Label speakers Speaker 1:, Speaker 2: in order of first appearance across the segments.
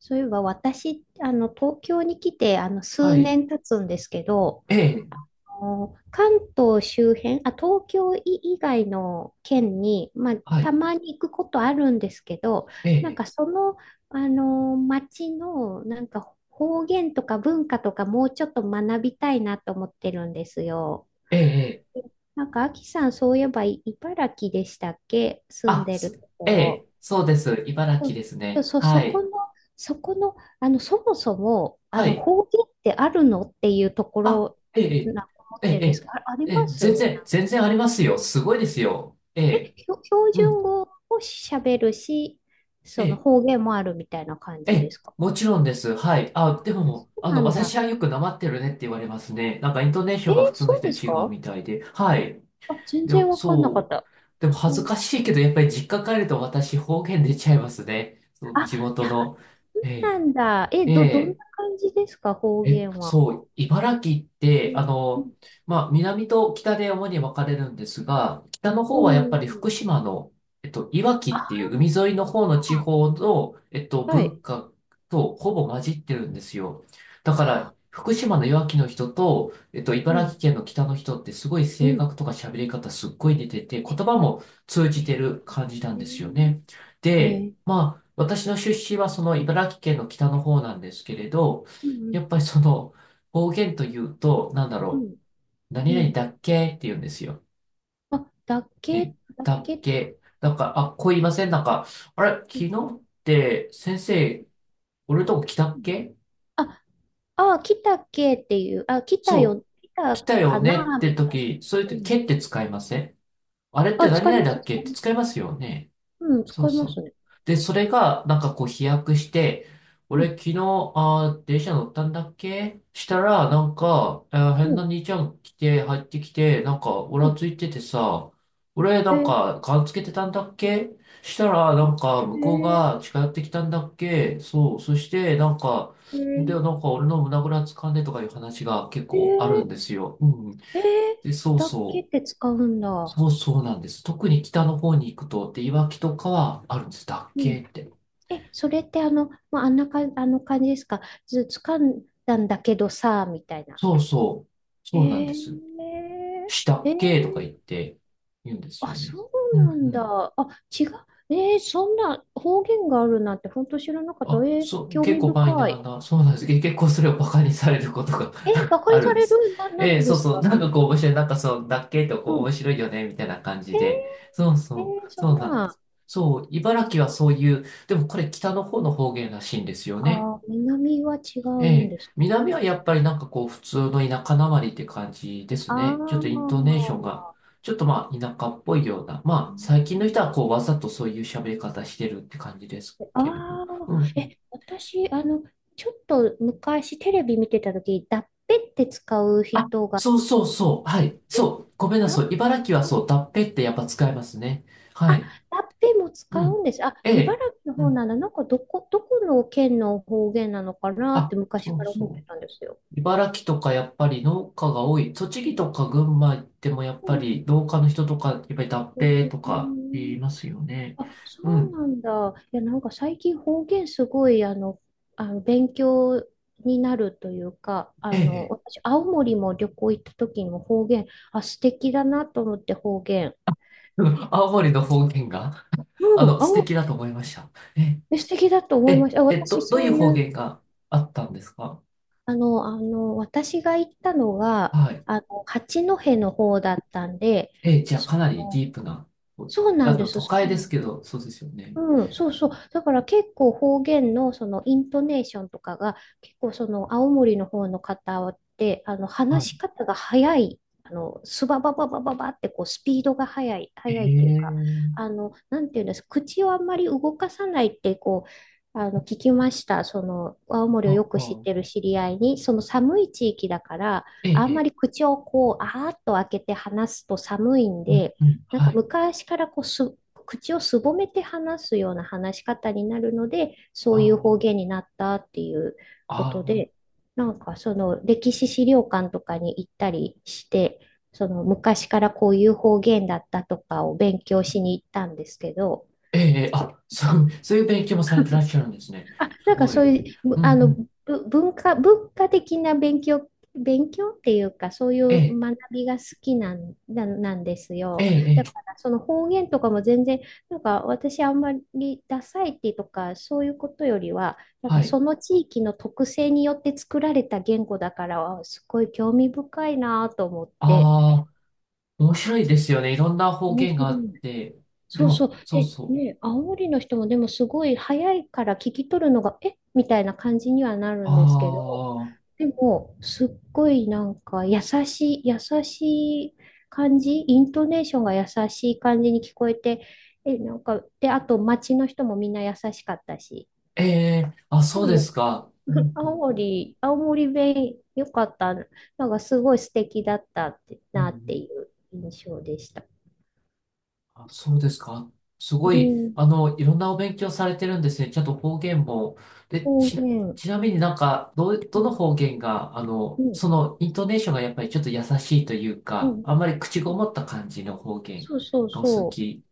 Speaker 1: そういえば私、東京に来て、
Speaker 2: は
Speaker 1: 数
Speaker 2: い。
Speaker 1: 年経つんですけど、
Speaker 2: ええ、
Speaker 1: 関東周辺、東京以外の県に、まあ、
Speaker 2: は
Speaker 1: た
Speaker 2: い。
Speaker 1: まに行くことあるんですけど、
Speaker 2: え
Speaker 1: なん
Speaker 2: え、
Speaker 1: か町の、なんか方言とか文化とかもうちょっと学びたいなと思ってるんですよ。
Speaker 2: ええ、ええ
Speaker 1: なんか、あさん、そういえば茨城でしたっけ、住んでるとこ
Speaker 2: え
Speaker 1: ろ？
Speaker 2: え、そうです。茨
Speaker 1: そう
Speaker 2: 城です
Speaker 1: そう
Speaker 2: ね。
Speaker 1: そう、
Speaker 2: はい。
Speaker 1: そこの、そもそも、
Speaker 2: はい。
Speaker 1: 方言ってあるのっていうとこ
Speaker 2: あ、
Speaker 1: ろ
Speaker 2: え
Speaker 1: なん
Speaker 2: え、
Speaker 1: か思
Speaker 2: え
Speaker 1: って
Speaker 2: え、
Speaker 1: るんですけど、あ、あり
Speaker 2: ええ、え
Speaker 1: ま
Speaker 2: え全
Speaker 1: す？
Speaker 2: 然、全然ありますよ。すごいですよ。え
Speaker 1: え、
Speaker 2: え、
Speaker 1: ひょ標
Speaker 2: う
Speaker 1: 準
Speaker 2: ん、
Speaker 1: 語を喋るし、
Speaker 2: え
Speaker 1: その
Speaker 2: え、
Speaker 1: 方言もあるみたいな感
Speaker 2: え
Speaker 1: じで
Speaker 2: え、
Speaker 1: すか？
Speaker 2: もちろんです。はい。あ、でも、
Speaker 1: そうなん
Speaker 2: 私
Speaker 1: だ。
Speaker 2: はよくなまってるねって言われますね。なんか、イントネーショ
Speaker 1: えー、
Speaker 2: ンが普通の
Speaker 1: そ
Speaker 2: 人
Speaker 1: う
Speaker 2: と
Speaker 1: です
Speaker 2: 違う
Speaker 1: か？
Speaker 2: みたいで。はい。
Speaker 1: あ、全
Speaker 2: で
Speaker 1: 然
Speaker 2: も、
Speaker 1: わかんなかっ
Speaker 2: そう。
Speaker 1: た。
Speaker 2: でも、
Speaker 1: う
Speaker 2: 恥ず
Speaker 1: ん。
Speaker 2: かしいけど、やっぱり実家帰ると私、方言出ちゃいますね。そう、
Speaker 1: あ、
Speaker 2: 地
Speaker 1: い
Speaker 2: 元
Speaker 1: や、
Speaker 2: の。
Speaker 1: そう
Speaker 2: え
Speaker 1: なんだ。
Speaker 2: ええ
Speaker 1: どん
Speaker 2: え、
Speaker 1: な感じですか、方言は？
Speaker 2: そう、茨城っ
Speaker 1: う
Speaker 2: て、あ
Speaker 1: ん、う
Speaker 2: の、
Speaker 1: ん、
Speaker 2: まあ、南と北で主に分かれるんですが、北の
Speaker 1: う
Speaker 2: 方はやっ
Speaker 1: ん。
Speaker 2: ぱり
Speaker 1: う
Speaker 2: 福
Speaker 1: ん。
Speaker 2: 島の、いわき
Speaker 1: あ
Speaker 2: っていう海沿いの方の地方の、
Speaker 1: あ、はい。
Speaker 2: 文化とほぼ混じってるんですよ。だから、
Speaker 1: ああ、
Speaker 2: 福島のいわきの人と、
Speaker 1: う
Speaker 2: 茨
Speaker 1: ん、
Speaker 2: 城県の北の人ってすごい
Speaker 1: う
Speaker 2: 性
Speaker 1: ん。
Speaker 2: 格とか喋り方すっごい似てて、言
Speaker 1: え
Speaker 2: 葉も通
Speaker 1: え
Speaker 2: じて
Speaker 1: ー、
Speaker 2: る感じなんですよね。
Speaker 1: え
Speaker 2: で、
Speaker 1: ー、
Speaker 2: まあ、私の出身はその茨城県の北の方なんですけれど、
Speaker 1: うんう
Speaker 2: やっ
Speaker 1: ん、
Speaker 2: ぱりその方言というと、なんだ
Speaker 1: う
Speaker 2: ろ
Speaker 1: ん、
Speaker 2: う。何
Speaker 1: う
Speaker 2: 々
Speaker 1: ん。
Speaker 2: だっけって言うんですよ。
Speaker 1: あ、だっけ、
Speaker 2: え、
Speaker 1: だっ
Speaker 2: だっ
Speaker 1: け、
Speaker 2: け。なんか、あ、こう言いません、なんか、あれ、
Speaker 1: うん
Speaker 2: 昨日って先生、俺のとこ来た
Speaker 1: う
Speaker 2: っ
Speaker 1: ん。
Speaker 2: け、
Speaker 1: あ、あ、来たっけっていう、あ、来た
Speaker 2: そ
Speaker 1: よ、
Speaker 2: う、
Speaker 1: 来
Speaker 2: 来
Speaker 1: た
Speaker 2: た
Speaker 1: か
Speaker 2: よねっ
Speaker 1: な、
Speaker 2: て
Speaker 1: みたい
Speaker 2: 時、そ
Speaker 1: な。
Speaker 2: ういう
Speaker 1: う
Speaker 2: 時、
Speaker 1: ん。
Speaker 2: けって使いません、あれって
Speaker 1: あ、
Speaker 2: 何
Speaker 1: 使い
Speaker 2: 々
Speaker 1: ま
Speaker 2: だ
Speaker 1: す、
Speaker 2: っ
Speaker 1: 使
Speaker 2: けっ
Speaker 1: い
Speaker 2: て
Speaker 1: ま
Speaker 2: 使い
Speaker 1: す。
Speaker 2: ますよね。
Speaker 1: うん、
Speaker 2: そ
Speaker 1: 使
Speaker 2: う
Speaker 1: いま
Speaker 2: そう。
Speaker 1: すね。
Speaker 2: で、それが、なんかこう飛躍して、
Speaker 1: う
Speaker 2: 俺
Speaker 1: ん、
Speaker 2: 昨日、あー、電車乗ったんだっけしたら、なんか、えー変
Speaker 1: う
Speaker 2: な
Speaker 1: ん、
Speaker 2: 兄ちゃん来て、入ってきて、なんか、お
Speaker 1: う
Speaker 2: ら
Speaker 1: ん。
Speaker 2: ついててさ、俺なん
Speaker 1: え
Speaker 2: か、ガンつけてたんだっけしたら、なんか、
Speaker 1: ー、
Speaker 2: 向こう
Speaker 1: え
Speaker 2: が近寄ってきたんだっけ、そう、そして、なんか、
Speaker 1: ー、え
Speaker 2: で、
Speaker 1: ー、
Speaker 2: なんか俺の胸ぐらつかんでとかいう話が結
Speaker 1: え
Speaker 2: 構あるん
Speaker 1: ー、
Speaker 2: ですよ。うん。
Speaker 1: えー、
Speaker 2: で、そう
Speaker 1: だっけ
Speaker 2: そ
Speaker 1: って
Speaker 2: う。
Speaker 1: 使うんだ。
Speaker 2: そうそうなんです。特に北の方に行くと、で、いわきとかはあるんです。だっ
Speaker 1: うん。
Speaker 2: けって。
Speaker 1: それってまあ、あんなか、あの感じですか？ず、つかんだんだけどさ、みたいな。
Speaker 2: そうそう。
Speaker 1: え
Speaker 2: そうなんです。
Speaker 1: ー、
Speaker 2: した
Speaker 1: え
Speaker 2: っけとか
Speaker 1: ー、
Speaker 2: 言って言うんです
Speaker 1: あ、
Speaker 2: よね。
Speaker 1: そう
Speaker 2: うん
Speaker 1: な
Speaker 2: う
Speaker 1: ん
Speaker 2: ん。
Speaker 1: だ。あ、違う。えー、そんな方言があるなんて本当知らなかった。
Speaker 2: あ、
Speaker 1: えー、
Speaker 2: そう、
Speaker 1: 興
Speaker 2: 結
Speaker 1: 味
Speaker 2: 構マイ
Speaker 1: 深
Speaker 2: ナ
Speaker 1: い。
Speaker 2: ーな、そうなんです。結構それをバカにされることが
Speaker 1: えー、バ カ
Speaker 2: あ
Speaker 1: に
Speaker 2: るん
Speaker 1: さ
Speaker 2: で
Speaker 1: れ
Speaker 2: す。
Speaker 1: るな、なん
Speaker 2: ええ、
Speaker 1: でで
Speaker 2: そう
Speaker 1: す
Speaker 2: そう。
Speaker 1: か？
Speaker 2: なんかこう面白い。なんかそう、だっけとこ
Speaker 1: う
Speaker 2: う面
Speaker 1: ん。
Speaker 2: 白いよね、みたいな感じ
Speaker 1: え
Speaker 2: で。そう
Speaker 1: ー、え
Speaker 2: そ
Speaker 1: ー、
Speaker 2: う。
Speaker 1: そ
Speaker 2: そ
Speaker 1: ん
Speaker 2: うなんで
Speaker 1: な、
Speaker 2: す。そう、茨城はそういう、でもこれ北の方の方言らしいんですよね。
Speaker 1: あー、南は違う
Speaker 2: え
Speaker 1: ん
Speaker 2: え、
Speaker 1: です
Speaker 2: 南
Speaker 1: ね。
Speaker 2: はやっぱりなんかこう普通の田舎なまりって感じです
Speaker 1: あ
Speaker 2: ね。ちょっとイン
Speaker 1: ー、
Speaker 2: トネーションが、ちょっとまあ田舎っぽいような、
Speaker 1: あ
Speaker 2: まあ最近の
Speaker 1: ー、
Speaker 2: 人はこうわざとそういう喋り方してるって感じですけれど。
Speaker 1: あ
Speaker 2: うんう
Speaker 1: ー
Speaker 2: ん。
Speaker 1: え、私、ちょっと昔テレビ見てた時、だっぺって使う
Speaker 2: あ、
Speaker 1: 人が
Speaker 2: そう
Speaker 1: い
Speaker 2: そう
Speaker 1: て、
Speaker 2: そう。はい。そう。ごめんな
Speaker 1: ラッ
Speaker 2: さ
Speaker 1: プ、
Speaker 2: い。茨城はそう、だっぺってやっぱ使いますね。
Speaker 1: あ、
Speaker 2: は
Speaker 1: ラ
Speaker 2: い。
Speaker 1: ッペも使
Speaker 2: う
Speaker 1: うん
Speaker 2: ん。
Speaker 1: です。あ、
Speaker 2: え
Speaker 1: 茨
Speaker 2: え。
Speaker 1: 城の
Speaker 2: う
Speaker 1: 方な
Speaker 2: ん。
Speaker 1: んだ。なんか、どこの県の方言なのかなっ
Speaker 2: あ、
Speaker 1: て昔
Speaker 2: そ
Speaker 1: か
Speaker 2: う
Speaker 1: ら思って
Speaker 2: そう。
Speaker 1: たんですよ。
Speaker 2: 茨城とかやっぱり農家が多い。栃木とか群馬行ってもやっ
Speaker 1: う
Speaker 2: ぱ
Speaker 1: ん
Speaker 2: り農家の人とか、やっぱり脱
Speaker 1: う
Speaker 2: 皮とか言
Speaker 1: ん。
Speaker 2: いますよね。
Speaker 1: あ、そ
Speaker 2: う
Speaker 1: う
Speaker 2: ん。
Speaker 1: なんだ。いや、なんか最近方言すごい、勉強になるというか、
Speaker 2: ええ。
Speaker 1: 私、青森も旅行行った時にも方言、素敵だなと思って、方言。
Speaker 2: うん。 青森の方言が、
Speaker 1: うん、
Speaker 2: 素
Speaker 1: 青
Speaker 2: 敵だと思いました。ええ、
Speaker 1: 森、素敵だと
Speaker 2: え
Speaker 1: 思いました。あ、
Speaker 2: え、
Speaker 1: 私、
Speaker 2: どう
Speaker 1: そ
Speaker 2: い
Speaker 1: う
Speaker 2: う
Speaker 1: い
Speaker 2: 方
Speaker 1: う
Speaker 2: 言があったんですか。
Speaker 1: 私が行ったのが、
Speaker 2: はい。
Speaker 1: 八戸の方だったんで、
Speaker 2: ええ、じゃあ
Speaker 1: そ
Speaker 2: かなりデ
Speaker 1: の、
Speaker 2: ィープな、
Speaker 1: そうな
Speaker 2: あ
Speaker 1: んで
Speaker 2: の、
Speaker 1: す、
Speaker 2: 都
Speaker 1: そう
Speaker 2: 会で
Speaker 1: な
Speaker 2: す
Speaker 1: んで
Speaker 2: け
Speaker 1: す。
Speaker 2: ど、そうですよね。
Speaker 1: うん、そうそう。だから結構方言のそのイントネーションとかが結構その青森の方の方って、あの
Speaker 2: はい。
Speaker 1: 話し方が早い。スババババババってこうスピードが速い、
Speaker 2: え
Speaker 1: 速いっていうか、
Speaker 2: え、
Speaker 1: なんていうんです、口をあんまり動かさないってこう、聞きました。青森をよ
Speaker 2: はあ
Speaker 1: く知っ
Speaker 2: は
Speaker 1: てる知り合いに、その寒い地域だから、
Speaker 2: え
Speaker 1: あんま
Speaker 2: え、え
Speaker 1: り
Speaker 2: え、
Speaker 1: 口をこう、あーっと開けて話すと寒いん
Speaker 2: うん、
Speaker 1: で、
Speaker 2: うん、
Speaker 1: なんか
Speaker 2: はい。
Speaker 1: 昔からこう口をすぼめて話すような話し方になるので、そ
Speaker 2: あ
Speaker 1: ういう方言
Speaker 2: あ、
Speaker 1: になったっていうこと
Speaker 2: あ
Speaker 1: で、
Speaker 2: あ。
Speaker 1: なんかその歴史資料館とかに行ったりして、その昔からこういう方言だったとかを勉強しに行ったんですけど、
Speaker 2: ええ、ええ、あ、そう、そういう勉強もされてらっしゃるんですね。す
Speaker 1: なんか
Speaker 2: ご
Speaker 1: そ
Speaker 2: い。
Speaker 1: ういう、
Speaker 2: うんうん。
Speaker 1: 文化、文化的な勉強っていうか、そうい
Speaker 2: え
Speaker 1: う
Speaker 2: え、
Speaker 1: 学びが好きなんです
Speaker 2: え
Speaker 1: よ。
Speaker 2: え、え
Speaker 1: だか
Speaker 2: え、
Speaker 1: ら、その方言とかも全然、なんか私あんまりダサいってとか、そういうことよりは、なん
Speaker 2: は
Speaker 1: か
Speaker 2: い。
Speaker 1: その地域の特性によって作られた言語だから、すごい興味深いなと思って、
Speaker 2: ああ、面白いですよね。いろんな方
Speaker 1: 面
Speaker 2: 言が
Speaker 1: 白
Speaker 2: あっ
Speaker 1: い。
Speaker 2: て。で
Speaker 1: そうそう。
Speaker 2: も、そう
Speaker 1: で、
Speaker 2: そう。
Speaker 1: ね、煽りの人もでもすごい早いから聞き取るのが、えみたいな感じにはなる
Speaker 2: あ
Speaker 1: んですけど、
Speaker 2: あ、
Speaker 1: でも、すっごいなんか優しい、優しい感じ、イントネーションが優しい感じに聞こえて、なんか、で、あと街の人もみんな優しかったし、
Speaker 2: ええ、あ、
Speaker 1: す
Speaker 2: そ
Speaker 1: ご
Speaker 2: う
Speaker 1: い
Speaker 2: で
Speaker 1: よ、
Speaker 2: すか。うん、うん、うん。
Speaker 1: 青森弁良かった、なんかすごい素敵だったって
Speaker 2: うんう
Speaker 1: なって
Speaker 2: ん、
Speaker 1: いう印象でした。
Speaker 2: あ、そうですか。す
Speaker 1: う
Speaker 2: ごい、
Speaker 1: ん、
Speaker 2: あの、いろんなお勉強されてるんですね。ちゃんと方言も。で、
Speaker 1: 方
Speaker 2: ちな、
Speaker 1: 言、
Speaker 2: ちなみになんか、どう、
Speaker 1: う
Speaker 2: どの
Speaker 1: ん、
Speaker 2: 方言が、あ
Speaker 1: う
Speaker 2: の、
Speaker 1: ん。
Speaker 2: その、イントネーションがやっぱりちょっと優しいという
Speaker 1: う
Speaker 2: か、
Speaker 1: ん
Speaker 2: あんまり口
Speaker 1: う
Speaker 2: ご
Speaker 1: ん、
Speaker 2: もった感じの方言
Speaker 1: そうそう
Speaker 2: がお好
Speaker 1: そう。
Speaker 2: き。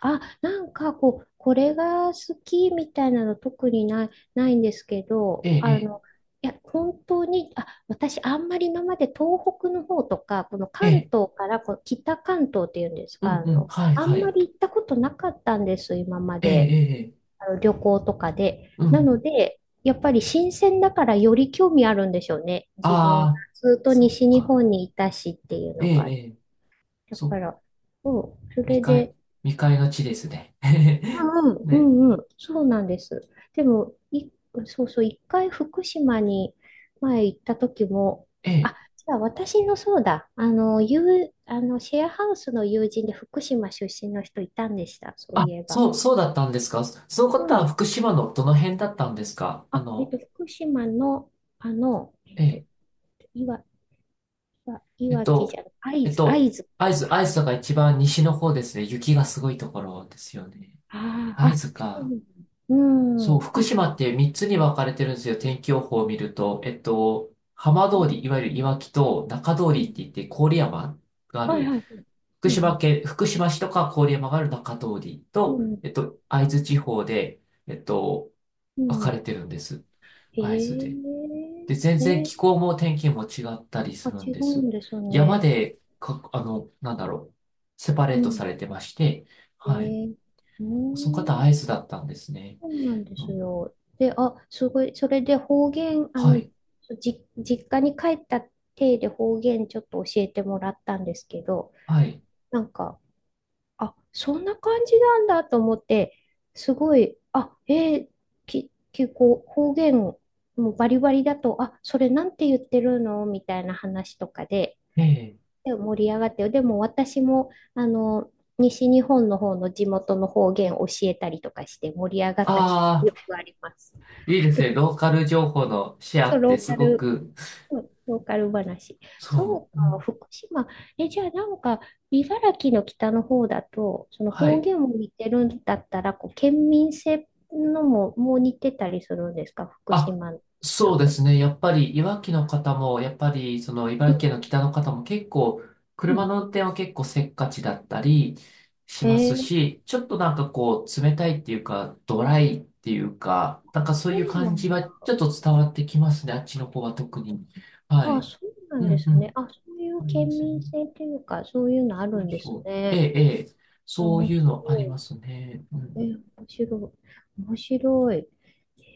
Speaker 1: あ、なんかこう、これが好きみたいなの特にない、んですけ
Speaker 2: え
Speaker 1: ど、
Speaker 2: え、
Speaker 1: いや、本当に、私あんまり今まで東北の方とか、この
Speaker 2: ええ、え
Speaker 1: 関
Speaker 2: え、
Speaker 1: 東からこう北関東っていうんです
Speaker 2: う
Speaker 1: か、
Speaker 2: んうん、はい
Speaker 1: あ
Speaker 2: は
Speaker 1: んま
Speaker 2: い。
Speaker 1: り行ったことなかったんです、今ま
Speaker 2: ええ、え
Speaker 1: で。
Speaker 2: え、ええ、
Speaker 1: あの旅行とかで。
Speaker 2: うんう
Speaker 1: なの
Speaker 2: ん。
Speaker 1: で、やっぱり新鮮だからより興味あるんでしょうね。自分、
Speaker 2: ああ、
Speaker 1: ずっと
Speaker 2: そっ
Speaker 1: 西日
Speaker 2: か。
Speaker 1: 本にいたしっていう
Speaker 2: え
Speaker 1: の
Speaker 2: え、え
Speaker 1: が。
Speaker 2: え、
Speaker 1: だ
Speaker 2: そ
Speaker 1: か
Speaker 2: う、
Speaker 1: ら、うん、そ
Speaker 2: 未
Speaker 1: れ
Speaker 2: 開、
Speaker 1: で、
Speaker 2: 未開の地ですね。
Speaker 1: うんうん。う
Speaker 2: ね、
Speaker 1: んうん、そうなんです。でも、そうそう、一回福島に前行った時も、
Speaker 2: ええ。
Speaker 1: あ、じゃあ、そうだ、あの、友あの、シェアハウスの友人で福島出身の人いたんでした、そう
Speaker 2: あ、
Speaker 1: いえば。
Speaker 2: そう、そうだったんですか。その
Speaker 1: う
Speaker 2: 方は
Speaker 1: ん。
Speaker 2: 福島のどの辺だったんですか、あ
Speaker 1: あ、
Speaker 2: の、
Speaker 1: 福島の、あの、えっ
Speaker 2: え
Speaker 1: と、
Speaker 2: え、
Speaker 1: いわ、い
Speaker 2: えっ
Speaker 1: わき
Speaker 2: と、
Speaker 1: じゃない、会
Speaker 2: えっ
Speaker 1: 津、
Speaker 2: と、
Speaker 1: 会津の
Speaker 2: 会
Speaker 1: 方
Speaker 2: 津、
Speaker 1: か。
Speaker 2: 会津が一番西の方ですね。雪がすごいところですよね。
Speaker 1: ああ、
Speaker 2: 会
Speaker 1: あ、
Speaker 2: 津
Speaker 1: そう
Speaker 2: か。
Speaker 1: なんだ。う
Speaker 2: そう、福
Speaker 1: ん。あ、
Speaker 2: 島って3つに分かれてるんですよ。天気予報を見ると。えっと、浜通り、いわゆるいわきと中通
Speaker 1: う
Speaker 2: りって
Speaker 1: ん、
Speaker 2: 言って郡山があ
Speaker 1: はい
Speaker 2: る、
Speaker 1: はい。
Speaker 2: 福
Speaker 1: うんう
Speaker 2: 島
Speaker 1: ん。
Speaker 2: 県、福島市とか郡山がある中通り
Speaker 1: う
Speaker 2: と、
Speaker 1: ん。
Speaker 2: えっと、会津地方で、えっと、
Speaker 1: う
Speaker 2: 分かれ
Speaker 1: ん。
Speaker 2: てるんです。
Speaker 1: え
Speaker 2: 会津で。
Speaker 1: え
Speaker 2: で、全然
Speaker 1: え、
Speaker 2: 気候も天気も違ったり
Speaker 1: あ、
Speaker 2: するん
Speaker 1: 違
Speaker 2: で
Speaker 1: う
Speaker 2: す。
Speaker 1: んです
Speaker 2: 山
Speaker 1: ね。
Speaker 2: で、か、あの、なんだろう、セパレ
Speaker 1: う
Speaker 2: ート
Speaker 1: ん。
Speaker 2: されてまして、
Speaker 1: え
Speaker 2: はい。
Speaker 1: ー、うー
Speaker 2: その方
Speaker 1: ん、
Speaker 2: アイスだったんですね。
Speaker 1: そうなんで
Speaker 2: う
Speaker 1: す
Speaker 2: ん。
Speaker 1: よ。で、あ、すごい、それで方言、
Speaker 2: はい。
Speaker 1: 実家に帰った体で方言ちょっと教えてもらったんですけど、
Speaker 2: はい。
Speaker 1: なんか、あ、そんな感じなんだと思って、すごい、ー、結構方言もうバリバリだと、あ、それなんて言ってるのみたいな話とかで、
Speaker 2: ええ。
Speaker 1: で盛り上がって、でも私も、あの、西日本の方の地元の方言教えたりとかして盛り上がった記
Speaker 2: あ
Speaker 1: 憶
Speaker 2: あ、
Speaker 1: があります。
Speaker 2: いいですね。ローカル情報のシェア
Speaker 1: そう、
Speaker 2: っ
Speaker 1: ロ
Speaker 2: て
Speaker 1: ー
Speaker 2: す
Speaker 1: カ
Speaker 2: ご
Speaker 1: ル
Speaker 2: く、
Speaker 1: うん、ローカル話。
Speaker 2: そ
Speaker 1: そう
Speaker 2: う。う
Speaker 1: か、
Speaker 2: ん、
Speaker 1: 福島。じゃあ、なんか、茨城の北の方だと、その
Speaker 2: は
Speaker 1: 方
Speaker 2: い。
Speaker 1: 言も似てるんだったら、こう、県民性のも、もう似てたりするんですか、福
Speaker 2: あ、
Speaker 1: 島の人
Speaker 2: そうで
Speaker 1: と？
Speaker 2: すね。やっぱり、いわきの方も、やっぱり、その、茨城
Speaker 1: う
Speaker 2: 県の北の方も結構、車の
Speaker 1: ん。
Speaker 2: 運転は結構せっかちだったりし
Speaker 1: うん、
Speaker 2: ま
Speaker 1: え
Speaker 2: す
Speaker 1: ー、
Speaker 2: し、ちょっとなんかこう、冷たいっていうか、ドライっていうか、なんかそう
Speaker 1: そ
Speaker 2: いう
Speaker 1: うな
Speaker 2: 感じ
Speaker 1: ん
Speaker 2: は
Speaker 1: だ。
Speaker 2: ちょっと伝わってきますね。あっちの方は特に。は
Speaker 1: あ、
Speaker 2: い。
Speaker 1: そうな
Speaker 2: う
Speaker 1: んで
Speaker 2: んう
Speaker 1: すね。
Speaker 2: ん。
Speaker 1: あ、そうい
Speaker 2: あ
Speaker 1: う
Speaker 2: りま
Speaker 1: 県
Speaker 2: すね。
Speaker 1: 民性っていうか、そういうのあ
Speaker 2: そ
Speaker 1: る
Speaker 2: う
Speaker 1: んで
Speaker 2: そ
Speaker 1: す
Speaker 2: う。ええ、
Speaker 1: ね。
Speaker 2: ええ。そう
Speaker 1: 面
Speaker 2: い
Speaker 1: 白
Speaker 2: うのありま
Speaker 1: い。
Speaker 2: すね。う
Speaker 1: え
Speaker 2: ん。
Speaker 1: ー、面白い。面白い。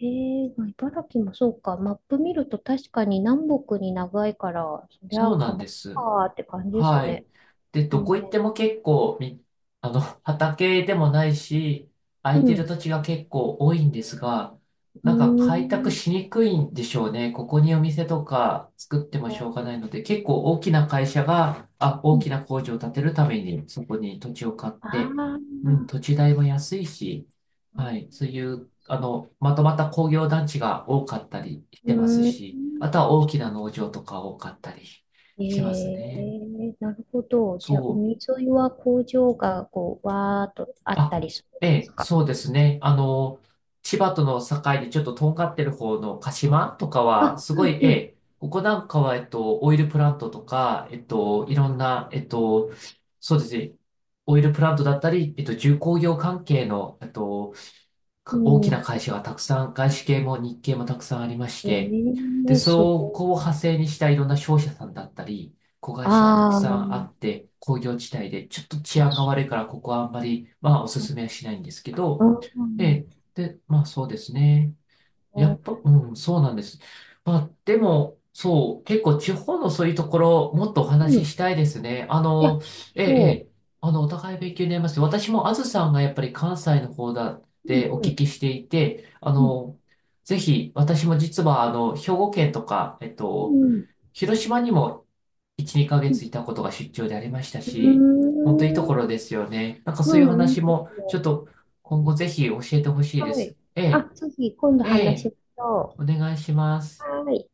Speaker 1: へえ、まあ、茨城もそうか。マップ見ると確かに南北に長いから、そり
Speaker 2: そ
Speaker 1: ゃ
Speaker 2: うなん
Speaker 1: 川か
Speaker 2: です。
Speaker 1: ーって感じです
Speaker 2: はい。
Speaker 1: ね。
Speaker 2: で、
Speaker 1: う
Speaker 2: どこ
Speaker 1: ん。
Speaker 2: 行っても結構み、あの、畑でもないし、空
Speaker 1: う
Speaker 2: いてる
Speaker 1: ん。
Speaker 2: 土地が結構多いんですが、
Speaker 1: うー
Speaker 2: なんか開拓
Speaker 1: ん。
Speaker 2: しにくいんでしょうね。ここにお店とか作ってもしょうがないので、結構大きな会社が、あ、
Speaker 1: う
Speaker 2: 大き
Speaker 1: ん。
Speaker 2: な工場を建てるためにそこに土地を買っ
Speaker 1: あ
Speaker 2: て、うん、
Speaker 1: ー、
Speaker 2: 土地代も安いし、
Speaker 1: あー。
Speaker 2: はい、そういう、あの、まとまった工業団地が多かったりし
Speaker 1: う
Speaker 2: てます
Speaker 1: ーん。
Speaker 2: し、あとは大きな農場とか多かったり
Speaker 1: え
Speaker 2: しますね。
Speaker 1: え、なるほど。じゃあ、
Speaker 2: そう。
Speaker 1: 海沿いは工場がこう、わーっとあった
Speaker 2: あ、
Speaker 1: りするん
Speaker 2: え
Speaker 1: です
Speaker 2: え、
Speaker 1: か？
Speaker 2: そうですね。あの、千葉との境でちょっととんがってる方の鹿島とかは、
Speaker 1: あ、
Speaker 2: すご
Speaker 1: う
Speaker 2: い、
Speaker 1: ん、
Speaker 2: え
Speaker 1: う
Speaker 2: え、ここなんかは、えっと、オイルプラントとか、えっと、いろんな、えっと、そうですね。オイルプラントだったり、えっと、重工業関係の、えっと、大
Speaker 1: ん。う
Speaker 2: きな
Speaker 1: ん。
Speaker 2: 会社がたくさん、外資系も日系もたくさんありまし
Speaker 1: え
Speaker 2: て、で、
Speaker 1: え、す
Speaker 2: そ
Speaker 1: ご
Speaker 2: こ
Speaker 1: い。
Speaker 2: を派生にしたいろんな商社さんだったり、子会社がたく
Speaker 1: あ
Speaker 2: さんあ
Speaker 1: あ。
Speaker 2: って、工業地帯で、ちょっと治
Speaker 1: あ、
Speaker 2: 安が
Speaker 1: そ
Speaker 2: 悪いから、ここはあんまり、まあ、おす
Speaker 1: う、
Speaker 2: すめはしないんですけ
Speaker 1: あ
Speaker 2: ど、ええ、
Speaker 1: ー、
Speaker 2: で、まあ、そうですね。
Speaker 1: あ
Speaker 2: や
Speaker 1: ー、
Speaker 2: っぱ、うん、そうなんです。まあ、でも、そう、結構地方のそういうところ、もっとお
Speaker 1: う
Speaker 2: 話し
Speaker 1: ん。
Speaker 2: したいですね。あ
Speaker 1: いや、
Speaker 2: の、ええ、え
Speaker 1: そ
Speaker 2: え、あの、お互い勉強になります。私もあずさんがやっぱり関西の方だっ
Speaker 1: う。
Speaker 2: てお
Speaker 1: う
Speaker 2: 聞
Speaker 1: ん、
Speaker 2: きしていて、あ
Speaker 1: うん、
Speaker 2: の、ぜひ、私も実は、あの、兵庫県とか、えっ
Speaker 1: う
Speaker 2: と、
Speaker 1: ん、
Speaker 2: 広島にも1、2ヶ
Speaker 1: う
Speaker 2: 月
Speaker 1: ん。
Speaker 2: いたことが出張でありました
Speaker 1: う
Speaker 2: し、
Speaker 1: ー
Speaker 2: 本当いいところ
Speaker 1: ん、
Speaker 2: ですよね。なんか
Speaker 1: う
Speaker 2: そういう
Speaker 1: ん、いい
Speaker 2: 話
Speaker 1: で
Speaker 2: も、
Speaker 1: す
Speaker 2: ちょ
Speaker 1: ね。
Speaker 2: っと今後ぜひ教えてほしいで
Speaker 1: はい。
Speaker 2: す。え
Speaker 1: あ、
Speaker 2: え、
Speaker 1: 次、今度
Speaker 2: え
Speaker 1: 話
Speaker 2: え。
Speaker 1: しましょ
Speaker 2: お願いしま
Speaker 1: う。
Speaker 2: す。
Speaker 1: はーい。